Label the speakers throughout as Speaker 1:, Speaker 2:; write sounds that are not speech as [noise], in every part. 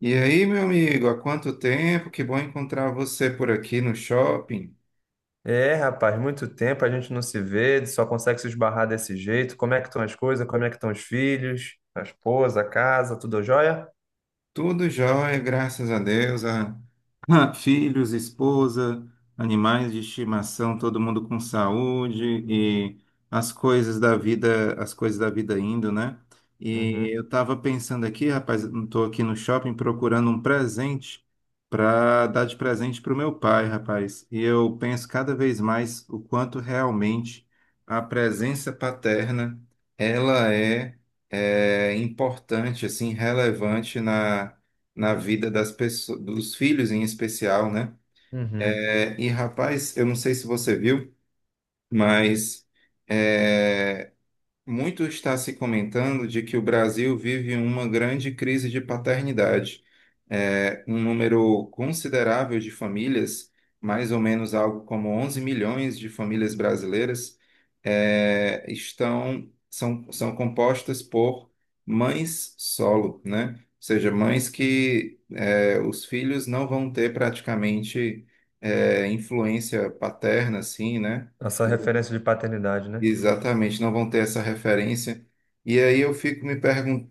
Speaker 1: E aí, meu amigo, há quanto tempo? Que bom encontrar você por aqui no shopping.
Speaker 2: É, rapaz, muito tempo a gente não se vê, só consegue se esbarrar desse jeito. Como é que estão as coisas? Como é que estão os filhos, a esposa, a casa, tudo jóia?
Speaker 1: Tudo jóia, graças a Deus. [laughs] Filhos, esposa, animais de estimação, todo mundo com saúde e as coisas da vida indo, né?
Speaker 2: Uhum,
Speaker 1: E eu estava pensando aqui, rapaz, estou aqui no shopping procurando um presente para dar de presente para o meu pai, rapaz. E eu penso cada vez mais o quanto realmente a presença paterna, ela é importante, assim, relevante na vida das pessoas, dos filhos em especial, né?
Speaker 2: uhum.
Speaker 1: É, e rapaz, eu não sei se você viu, mas é, muito está se comentando de que o Brasil vive uma grande crise de paternidade. É, um número considerável de famílias, mais ou menos algo como 11 milhões de famílias brasileiras, são compostas por mães solo, né? Ou seja, mães que os filhos não vão ter praticamente influência paterna, assim, né?
Speaker 2: Essa referência de paternidade, né?
Speaker 1: Exatamente, não vão ter essa referência. E aí eu fico me, pergun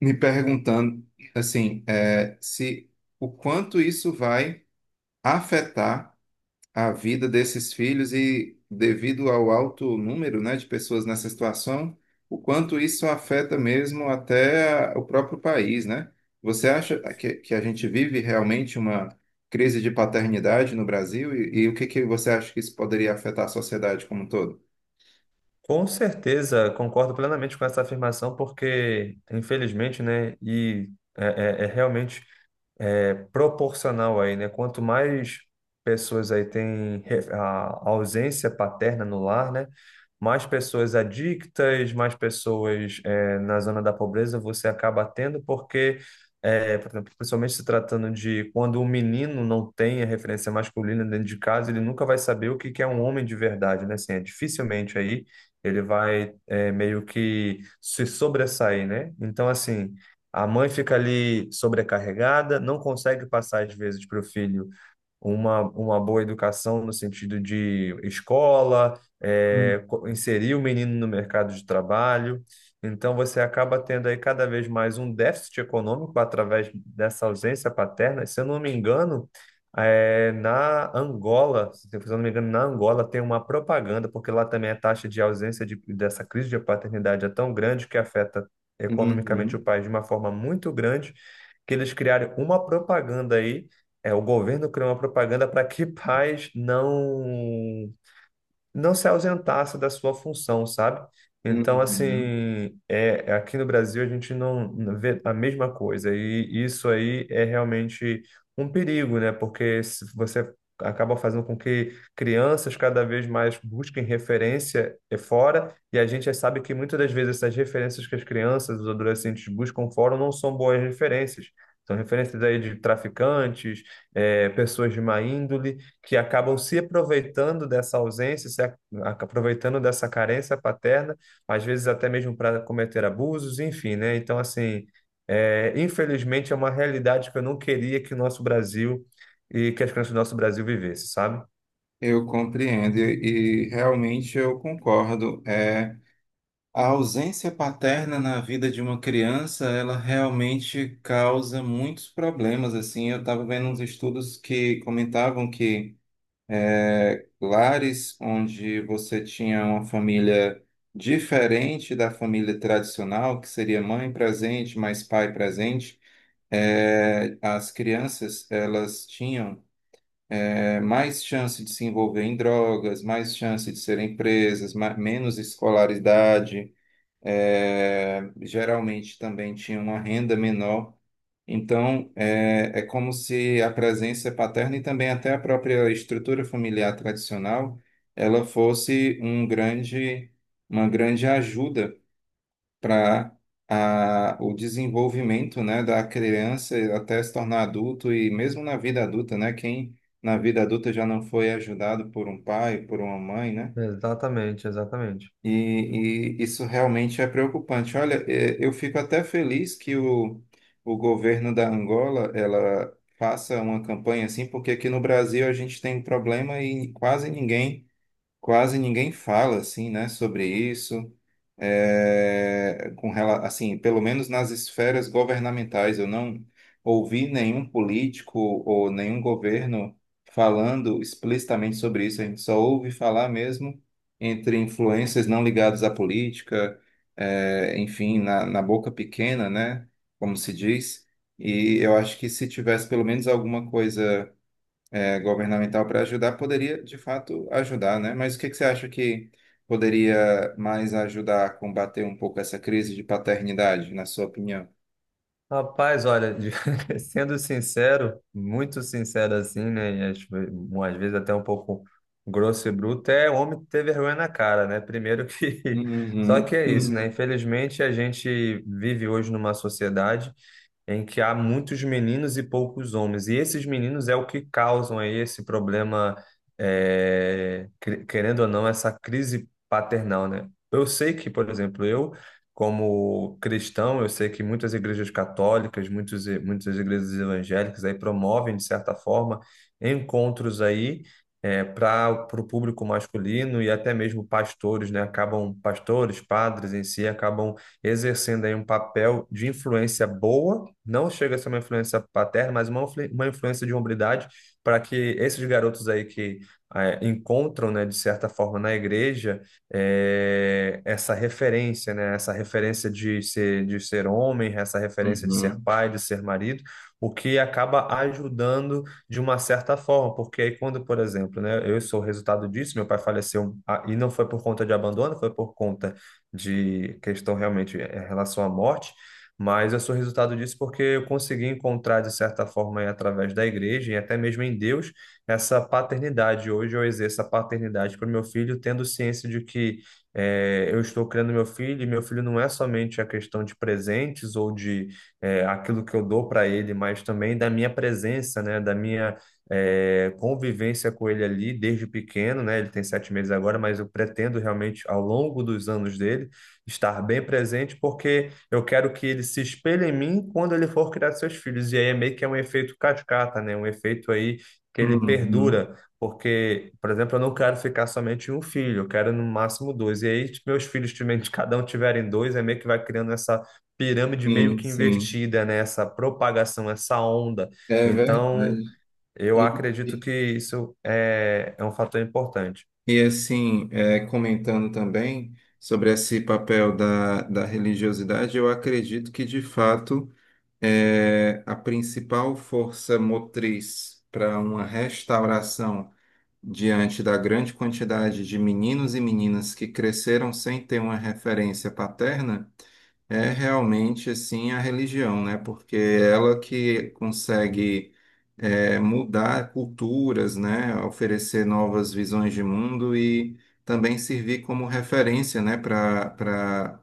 Speaker 1: me perguntando, assim, é, se o quanto isso vai afetar a vida desses filhos e devido ao alto número, né, de pessoas nessa situação, o quanto isso afeta mesmo até o próprio país, né? Você acha que a gente vive realmente uma crise de paternidade no Brasil? E o que que você acha que isso poderia afetar a sociedade como um todo?
Speaker 2: Com certeza, concordo plenamente com essa afirmação, porque, infelizmente, né, realmente é proporcional aí, né? Quanto mais pessoas aí têm a ausência paterna no lar, né? Mais pessoas adictas, mais pessoas na zona da pobreza você acaba tendo, porque, por exemplo, principalmente se tratando de quando um menino não tem a referência masculina dentro de casa, ele nunca vai saber o que que é um homem de verdade, né? Assim, é dificilmente aí ele vai meio que se sobressair, né? Então, assim. A mãe fica ali sobrecarregada, não consegue passar, às vezes, para o filho uma boa educação no sentido de escola,
Speaker 1: Hum.
Speaker 2: inserir o menino no mercado de trabalho. Então, você acaba tendo aí cada vez mais um déficit econômico através dessa ausência paterna. Se eu não me engano, na Angola, se eu não me engano, na Angola tem uma propaganda, porque lá também a taxa de ausência de, dessa crise de paternidade é tão grande que afeta economicamente o
Speaker 1: Uhum.
Speaker 2: país de uma forma muito grande, que eles criaram uma propaganda aí o governo criou uma propaganda para que pais não se ausentasse da sua função, sabe? Então,
Speaker 1: Uhum.
Speaker 2: assim, é, aqui no Brasil a gente não vê a mesma coisa, e isso aí é realmente um perigo, né? Porque se você acaba fazendo com que crianças cada vez mais busquem referência é fora, e a gente já sabe que muitas das vezes essas referências que as crianças, os adolescentes buscam fora não são boas referências. São referências aí de traficantes, pessoas de má índole, que acabam se aproveitando dessa ausência, se a- aproveitando dessa carência paterna, às vezes até mesmo para cometer abusos, enfim, né? Então, assim, é, infelizmente é uma realidade que eu não queria que o nosso Brasil e que as crianças do nosso Brasil vivessem, sabe?
Speaker 1: Eu compreendo e realmente eu concordo. É, a ausência paterna na vida de uma criança, ela realmente causa muitos problemas. Assim, eu estava vendo uns estudos que comentavam que lares onde você tinha uma família diferente da família tradicional, que seria mãe presente, mais pai presente, é, as crianças elas tinham é, mais chance de se envolver em drogas, mais chance de serem presas, menos escolaridade, é, geralmente também tinha uma renda menor. Então, é como se a presença paterna e também até a própria estrutura familiar tradicional, ela fosse uma grande ajuda para o desenvolvimento, né, da criança até se tornar adulto e mesmo na vida adulta, né, quem na vida adulta já não foi ajudado por um pai, por uma mãe, né?
Speaker 2: Exatamente, exatamente.
Speaker 1: E, isso realmente é preocupante. Olha, eu fico até feliz que o governo da Angola, ela faça uma campanha assim, porque aqui no Brasil a gente tem um problema e quase ninguém fala assim, né, sobre isso, é, assim, pelo menos nas esferas governamentais, eu não ouvi nenhum político ou nenhum governo falando explicitamente sobre isso. A gente só ouve falar mesmo entre influências não ligadas à política, é, enfim, na boca pequena, né, como se diz. E eu acho que se tivesse pelo menos alguma coisa é, governamental para ajudar, poderia de fato ajudar, né? Mas o que que você acha que poderia mais ajudar a combater um pouco essa crise de paternidade, na sua opinião?
Speaker 2: Rapaz, olha, [laughs] sendo sincero, muito sincero assim, né? E às vezes até um pouco grosso e bruto, é homem ter vergonha na cara, né? Primeiro que. [laughs] Só
Speaker 1: Uhum,
Speaker 2: que é isso, né?
Speaker 1: uhum,
Speaker 2: Infelizmente, a gente vive hoje numa sociedade em que há muitos meninos e poucos homens. E esses meninos é o que causam aí esse problema, querendo ou não, essa crise paternal, né? Eu sei que, por exemplo, eu, como cristão, eu sei que muitas igrejas católicas, muitas igrejas evangélicas aí promovem, de certa forma, encontros aí. Para o público masculino e até mesmo pastores, né? Acabam, pastores, padres em si, acabam exercendo aí um papel de influência boa, não chega a ser uma influência paterna, mas uma influência de hombridade para que esses garotos aí que encontram, né, de certa forma na igreja, essa referência, né, essa referência de ser homem, essa referência de ser
Speaker 1: uhum,
Speaker 2: pai, de ser marido, o que acaba ajudando de uma certa forma, porque aí quando, por exemplo, né, eu sou o resultado disso, meu pai faleceu e não foi por conta de abandono, foi por conta de questão realmente em relação à morte, mas eu sou resultado disso porque eu consegui encontrar, de certa forma, aí, através da igreja e até mesmo em Deus, essa paternidade. Hoje eu exerço a paternidade para o meu filho, tendo ciência de que eu estou criando meu filho, e meu filho não é somente a questão de presentes ou de aquilo que eu dou para ele, mas também da minha presença, né, da minha convivência com ele ali desde pequeno, né? Ele tem 7 meses agora, mas eu pretendo realmente, ao longo dos anos dele, estar bem presente, porque eu quero que ele se espelhe em mim quando ele for criar seus filhos. E aí é meio que é um efeito cascata, né? Um efeito aí que ele
Speaker 1: uhum.
Speaker 2: perdura. Porque, por exemplo, eu não quero ficar somente em um filho, eu quero no máximo dois. E aí, se meus filhos, cada um tiverem dois, é meio que vai criando essa pirâmide meio
Speaker 1: Sim,
Speaker 2: que
Speaker 1: sim,
Speaker 2: invertida, né? Essa propagação, essa onda.
Speaker 1: é
Speaker 2: Então,
Speaker 1: verdade.
Speaker 2: eu
Speaker 1: E,
Speaker 2: acredito
Speaker 1: e-
Speaker 2: que isso é um fator importante.
Speaker 1: e, assim, é, comentando também sobre esse papel da religiosidade, eu acredito que de fato é a principal força motriz para uma restauração diante da grande quantidade de meninos e meninas que cresceram sem ter uma referência paterna, é realmente assim a religião, né? Porque é ela que consegue é, mudar culturas, né? Oferecer novas visões de mundo e também servir como referência, né? Para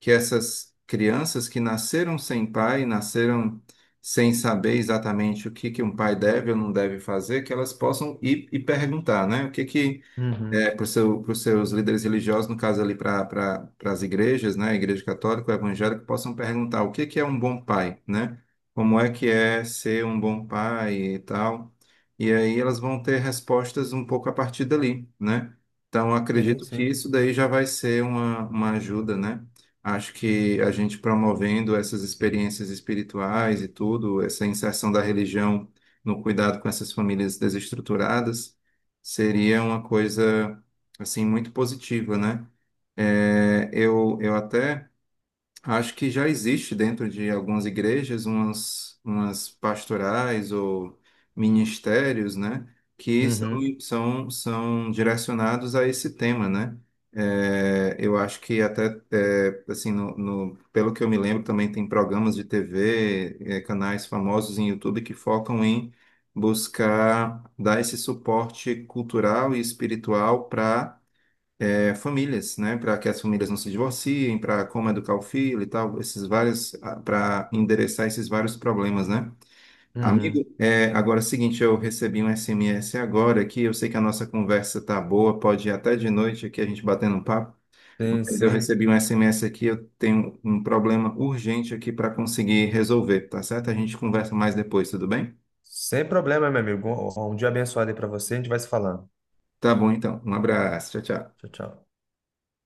Speaker 1: que essas crianças que nasceram sem pai, nasceram sem saber exatamente o que que um pai deve ou não deve fazer, que elas possam ir e perguntar, né? O que que
Speaker 2: Uhum.
Speaker 1: é, para os seus líderes religiosos, no caso ali as igrejas, né, a igreja católica, evangélica, possam perguntar o que que é um bom pai, né? Como é que é ser um bom pai e tal. E aí elas vão ter respostas um pouco a partir dali, né? Então,
Speaker 2: Sim,
Speaker 1: acredito que
Speaker 2: sim.
Speaker 1: isso daí já vai ser uma ajuda, né? Acho que a gente promovendo essas experiências espirituais e tudo, essa inserção da religião no cuidado com essas famílias desestruturadas, seria uma coisa assim muito positiva, né? Eu até acho que já existe dentro de algumas igrejas umas pastorais ou ministérios, né, que
Speaker 2: Uhum.
Speaker 1: são direcionados a esse tema, né? É, eu acho que até, é, assim, pelo que eu me lembro, também tem programas de TV, é, canais famosos em YouTube que focam em buscar dar esse suporte cultural e espiritual para é, famílias, né, para que as famílias não se divorciem, para como educar o filho e tal, para endereçar esses vários problemas, né? Amigo,
Speaker 2: Uhum.
Speaker 1: é, agora é o seguinte, eu recebi um SMS agora aqui, eu sei que a nossa conversa tá boa, pode ir até de noite aqui a gente batendo um papo,
Speaker 2: Sim,
Speaker 1: mas eu
Speaker 2: sim.
Speaker 1: recebi um SMS aqui, eu tenho um problema urgente aqui para conseguir resolver, tá certo? A gente conversa mais depois, tudo bem?
Speaker 2: Sem problema, meu amigo. Um dia abençoado aí para você. A gente vai se falando.
Speaker 1: Tá bom então, um abraço, tchau, tchau.
Speaker 2: Tchau, tchau.